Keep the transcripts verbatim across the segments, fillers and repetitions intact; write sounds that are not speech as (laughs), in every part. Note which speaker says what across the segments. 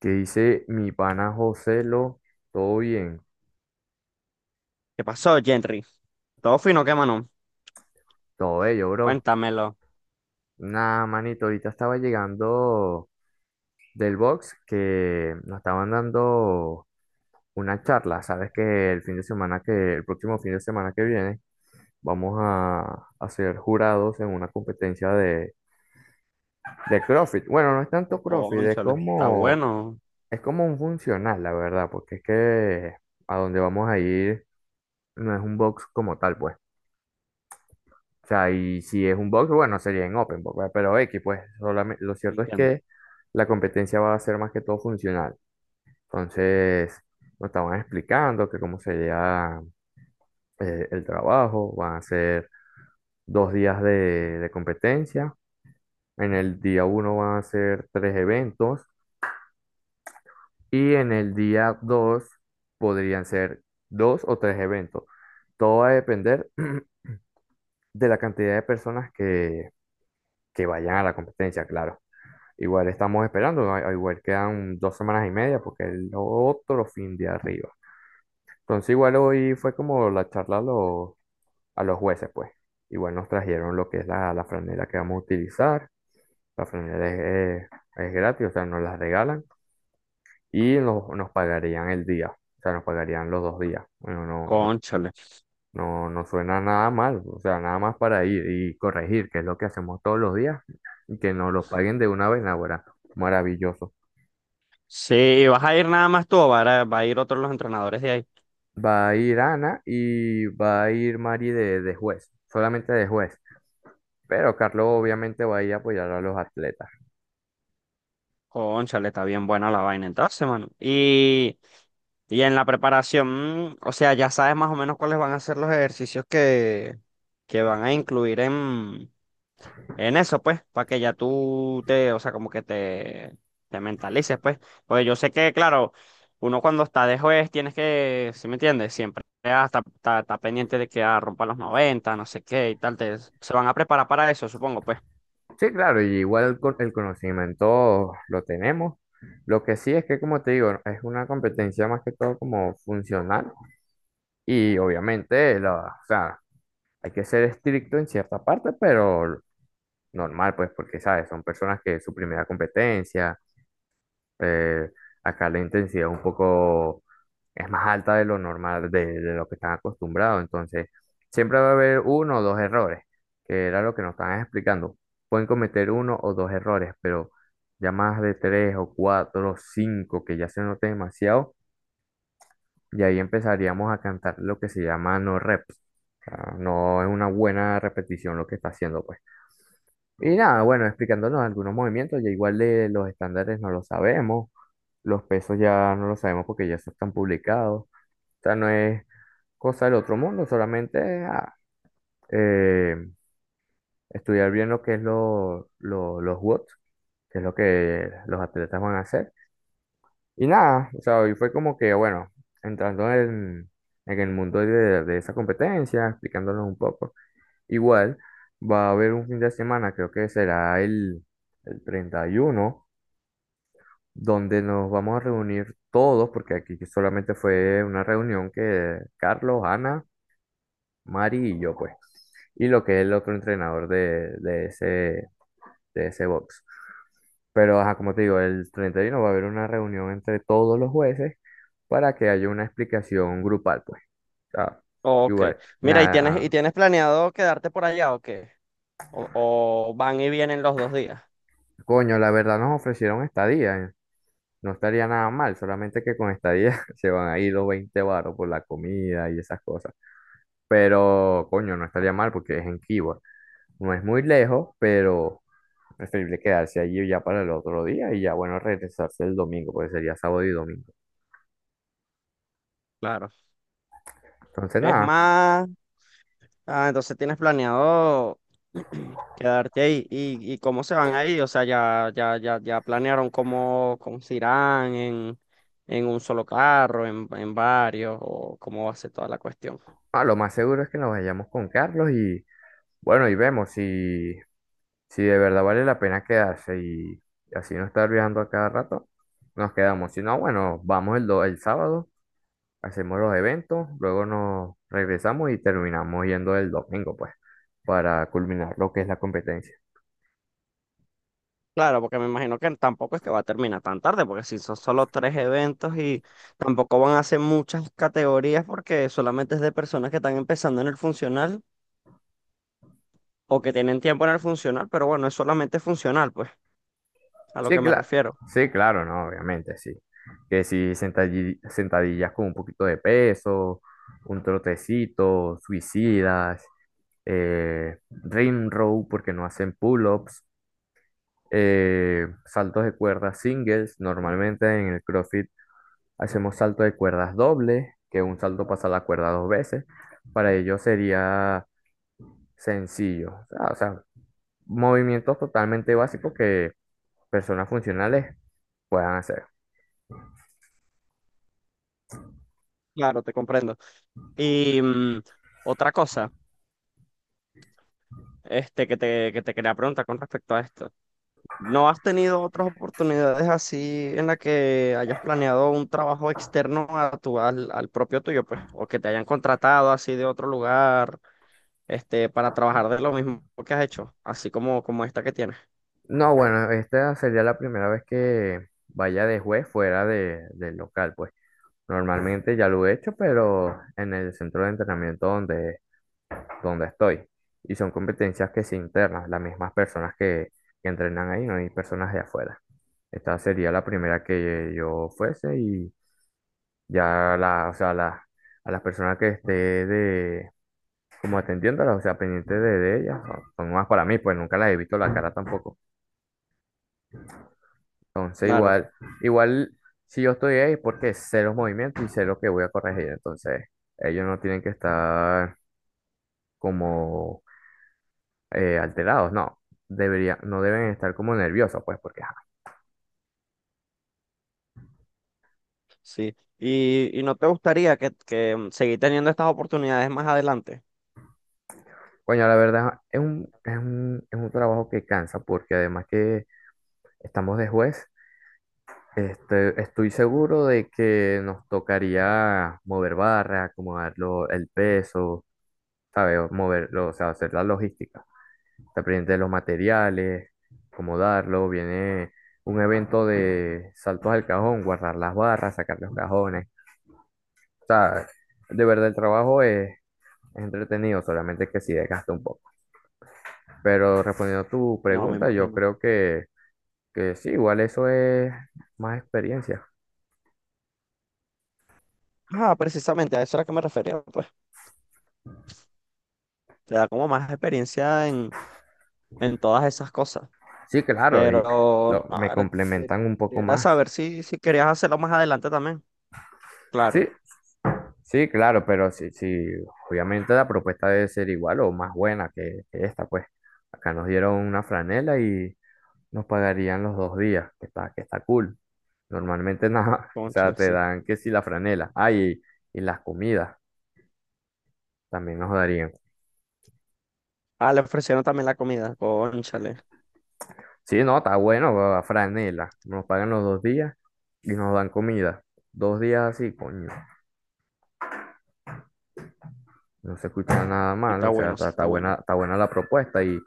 Speaker 1: ¿Qué dice mi pana José lo? Todo bien,
Speaker 2: ¿Qué pasó, Henry? Todo fino, ¿qué, mano?
Speaker 1: todo bello, bro.
Speaker 2: Cuéntamelo.
Speaker 1: Nada, manito, ahorita estaba llegando del box que nos estaban dando una charla. Sabes que el fin de semana que, el próximo fin de semana que viene, vamos a, a ser jurados en una competencia de, de CrossFit. Bueno, no es tanto CrossFit, es
Speaker 2: Cónchale, está
Speaker 1: como,
Speaker 2: bueno.
Speaker 1: es como un funcional, la verdad, porque es que a donde vamos a ir no es un box como tal, pues. O sea, y si es un box, bueno, sería en open box, ¿verdad? Pero X, pues, solamente, lo cierto es
Speaker 2: Entiendo.
Speaker 1: que la competencia va a ser más que todo funcional. Entonces, nos estaban explicando que cómo sería eh, el trabajo, van a ser dos días de, de competencia, en el día uno van a ser tres eventos y en el día dos podrían ser dos o tres eventos. Todo va a depender (clears throat) de la cantidad de personas que, que vayan a la competencia, claro. Igual estamos esperando, ¿no? Igual quedan dos semanas y media porque el otro fin de arriba. Entonces igual hoy fue como la charla a los, a los jueces, pues. Igual nos trajeron lo que es la, la franela que vamos a utilizar. La franela es, es- es gratis, o sea, nos la regalan y nos, nos pagarían el día, o sea, nos pagarían los dos días. Bueno, no, no,
Speaker 2: Cónchale.
Speaker 1: no, no suena nada mal, o sea, nada más para ir y corregir, que es lo que hacemos todos los días, y que nos lo paguen de una vez, ahora. Maravilloso.
Speaker 2: Sí, ¿vas a ir nada más tú o va a, va a ir otros los entrenadores de ahí?
Speaker 1: Va a ir Ana y va a ir Mari de, de juez, solamente de juez. Pero Carlos obviamente va a ir a apoyar a los atletas.
Speaker 2: Cónchale, está bien buena la vaina entonces, mano. Y, y en la preparación, mm, o sea, ya sabes más o menos cuáles van a ser los ejercicios que, que van a incluir en, en eso, pues, para que ya tú te, o sea, como que te, te mentalices, pues. Pues yo sé que, claro, uno cuando está de juez tienes que, ¿sí me entiendes? Siempre ah, está, está- está pendiente de que ah, rompan los noventa no sé qué y tal. Te- se van a preparar para eso, supongo, pues.
Speaker 1: Sí, claro, y igual con- el conocimiento lo tenemos. Lo que sí es que, como te digo, es una competencia más que todo como funcional. Y obviamente, la, o sea, hay que ser estricto en cierta parte, pero normal, pues, porque, ¿sabes? Son personas que es su primera competencia. Eh, acá la intensidad es un poco, es más alta de lo normal, de, de lo que están acostumbrados. Entonces, siempre va a haber uno o dos errores, que era lo que nos estaban explicando. Pueden cometer uno o dos errores, pero ya más de tres o cuatro o cinco que ya se note demasiado, y ahí empezaríamos a cantar lo que se llama no reps. O sea, no es una buena repetición lo que está haciendo, pues. Y nada, bueno, explicándonos algunos movimientos, ya igual de los estándares no lo sabemos. Los pesos ya no lo sabemos porque ya se están publicados. O sea, no es cosa del otro mundo, solamente es, ah, eh, estudiar bien lo que es lo- lo- los watts, que es lo que los atletas van a hacer. Y nada, o sea, hoy fue como que, bueno, entrando en, en el mundo de, de esa competencia, explicándonos un poco. Igual, va a haber un fin de semana, creo que será el, el treinta y uno donde nos vamos a reunir todos, porque aquí solamente fue una reunión que Carlos, Ana, Mari y yo, pues, y lo que es el otro entrenador de, de ese, de ese box. Pero, ajá, como te digo, el treinta y uno va a haber una reunión entre todos los jueces para que haya una explicación grupal, pues. Ah,
Speaker 2: Ok.
Speaker 1: igual,
Speaker 2: Mira, ¿y tienes, y
Speaker 1: nada,
Speaker 2: tienes planeado quedarte por allá o qué? O, o van y vienen los dos días.
Speaker 1: coño, la verdad nos ofrecieron estadía, ¿eh? No estaría nada mal, solamente que con estadía (laughs) se van a ir los veinte baros por la comida y esas cosas. Pero, coño, no estaría mal porque es en Keyboard. No es muy lejos, pero preferible quedarse allí ya para el otro día y ya, bueno, regresarse el domingo, porque sería sábado y domingo.
Speaker 2: Claro.
Speaker 1: Entonces,
Speaker 2: Es
Speaker 1: nada,
Speaker 2: más. Ah, entonces tienes planeado (clears throat) quedarte ahí. ¿Y, y cómo se van ahí? O sea, ya, ya, ya, ya planearon cómo, cómo se irán en, en un solo carro, en, en varios, o cómo va a ser toda la cuestión.
Speaker 1: ah, lo más seguro es que nos vayamos con Carlos y, bueno, y vemos si, si de verdad vale la pena quedarse y así no estar viajando a cada rato, nos quedamos. Si no, bueno, vamos el, do- el sábado, hacemos los eventos, luego nos regresamos y terminamos yendo el domingo, pues, para culminar lo que es la competencia.
Speaker 2: Claro, porque me imagino que tampoco es que va a terminar tan tarde, porque si son solo tres eventos y tampoco van a hacer muchas categorías, porque solamente es de personas que están empezando en el funcional o que tienen tiempo en el funcional, pero bueno, es solamente funcional, pues, a lo
Speaker 1: Sí,
Speaker 2: que me
Speaker 1: claro.
Speaker 2: refiero.
Speaker 1: Sí, claro, no, obviamente, sí. Que si sentadilli- sentadillas con un poquito de peso, un trotecito, suicidas, eh, ring row porque no hacen pull-ups, eh, saltos de cuerdas singles. Normalmente en el CrossFit hacemos salto de cuerdas doble, que un salto pasa la cuerda dos veces. Para ello sería sencillo. O sea, o sea, movimientos totalmente básicos que personas funcionales puedan hacer.
Speaker 2: Claro, te comprendo. Y mm, otra cosa, este, que te, que te quería preguntar con respecto a esto. ¿No has tenido otras oportunidades así en la que hayas planeado un trabajo externo a tu, al, al propio tuyo, pues? O que te hayan contratado así de otro lugar, este, para trabajar de lo mismo que has hecho, así como, como esta que tienes.
Speaker 1: No, bueno, esta sería la primera vez que vaya de juez fuera de, del local, pues. Normalmente ya lo he hecho, pero en el centro de entrenamiento donde, donde estoy. Y son competencias que se internas, las mismas personas que, que entrenan ahí, no hay personas de afuera. Esta sería la primera que yo fuese y ya la, o sea, la, a las personas que esté de, como atendiéndolas, o sea, pendiente de, de ellas, son son nuevas para mí, pues nunca las he visto la cara tampoco. Entonces,
Speaker 2: Claro,
Speaker 1: igual, igual, si yo estoy ahí, porque sé los movimientos y sé lo que voy a corregir. Entonces, ellos no tienen que estar como eh, alterados, no. Debería, no deben estar como nerviosos, pues, porque, ajá.
Speaker 2: sí. ¿Y, y no te gustaría que, que mm, seguir teniendo estas oportunidades más adelante?
Speaker 1: Coño, la verdad, es un, es un, es un trabajo que cansa, porque además que estamos de juez, este, estoy seguro de que nos tocaría mover barra, acomodar lo- el peso, ¿sabes? Moverlo, o sea, hacer la logística. Está pendiente de los materiales, cómo darlo, viene un evento de saltos al cajón, guardar las barras, sacar los cajones. O sea, de verdad el trabajo es, es entretenido, solamente que sí desgasta un poco. Pero respondiendo a tu
Speaker 2: No, me
Speaker 1: pregunta, yo
Speaker 2: imagino.
Speaker 1: creo que, que sí, igual eso es más experiencia.
Speaker 2: Ah, precisamente, a eso era que me refería, pues. Te da como más experiencia en, en todas esas cosas.
Speaker 1: Sí, claro, y
Speaker 2: Pero,
Speaker 1: lo- me
Speaker 2: a ver,
Speaker 1: complementan un poco
Speaker 2: quería
Speaker 1: más.
Speaker 2: saber si, si querías hacerlo más adelante también. Claro,
Speaker 1: Sí, sí, claro, pero sí, sí, obviamente la propuesta debe ser igual o más buena que, que esta, pues. Acá nos dieron una franela y nos pagarían los dos días, que está, que está cool. Normalmente nada, (laughs) o sea,
Speaker 2: cónchale,
Speaker 1: te
Speaker 2: sí.
Speaker 1: dan que si la franela. Ah, y, y las comidas también nos darían.
Speaker 2: Ah, le ofrecieron también la comida, cónchale.
Speaker 1: Sí, no, está bueno, va, franela. Nos pagan los dos días y nos dan comida. Dos días así, coño, no se escucha nada
Speaker 2: Sí,
Speaker 1: mal,
Speaker 2: está
Speaker 1: o sea,
Speaker 2: bueno, sí,
Speaker 1: está, está
Speaker 2: está
Speaker 1: buena,
Speaker 2: bueno.
Speaker 1: está buena la propuesta y.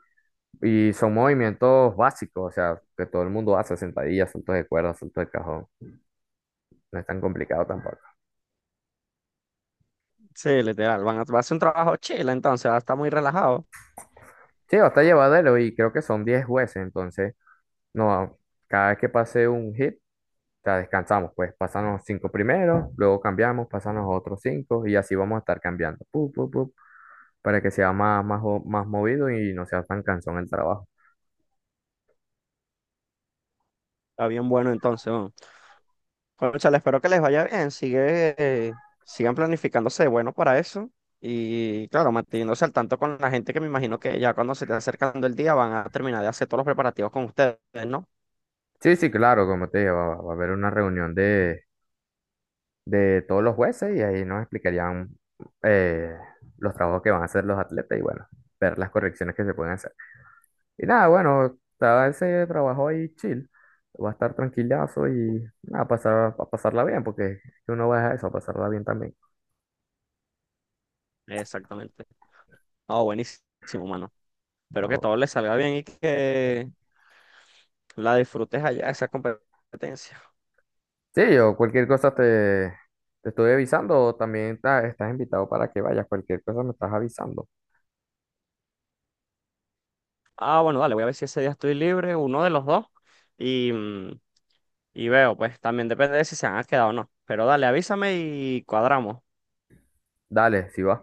Speaker 1: Y son movimientos básicos, o sea, que todo el mundo hace, sentadillas, saltos de cuerda, saltos de cajón. No es tan complicado tampoco.
Speaker 2: Sí, literal, van a, va a hacer un trabajo chile entonces, va a estar muy relajado.
Speaker 1: Sí, hasta llevadero y creo que son diez jueces, entonces, no, cada vez que pase un hit, o sea, descansamos, pues pasan los cinco primeros, luego cambiamos, pasan los otros cinco y así vamos a estar cambiando, pu, pu, pu, para que sea más, más, jo- más movido y no sea tan cansón el trabajo.
Speaker 2: Está bien bueno entonces, ¿no? Cónchale, espero que les vaya bien. Sigue, eh, sigan planificándose de bueno para eso. Y claro, manteniéndose al tanto con la gente que me imagino que ya cuando se esté acercando el día van a terminar de hacer todos los preparativos con ustedes, ¿no?
Speaker 1: Sí, sí, claro, como te dije, va, va a haber una reunión de de todos los jueces y ahí nos explicarían eh, los trabajos que van a hacer los atletas y bueno, ver las correcciones que se pueden hacer. Y nada, bueno, estaba ese trabajo ahí chill, va a estar tranquilazo y nada, pasar, a pasarla bien, porque es que uno va a eso, a pasarla bien también.
Speaker 2: Exactamente. Oh, buenísimo, mano. Espero que
Speaker 1: No.
Speaker 2: todo les salga bien y que la disfrutes allá, esa competencia.
Speaker 1: Sí, yo cualquier cosa te, te estoy avisando, o también ta- estás invitado para que vayas, cualquier cosa me estás avisando.
Speaker 2: Ah, bueno, dale, voy a ver si ese día estoy libre, uno de los dos. Y, mm, y veo, pues también depende de si se han quedado o no. Pero dale, avísame y cuadramos.
Speaker 1: Dale, si vas.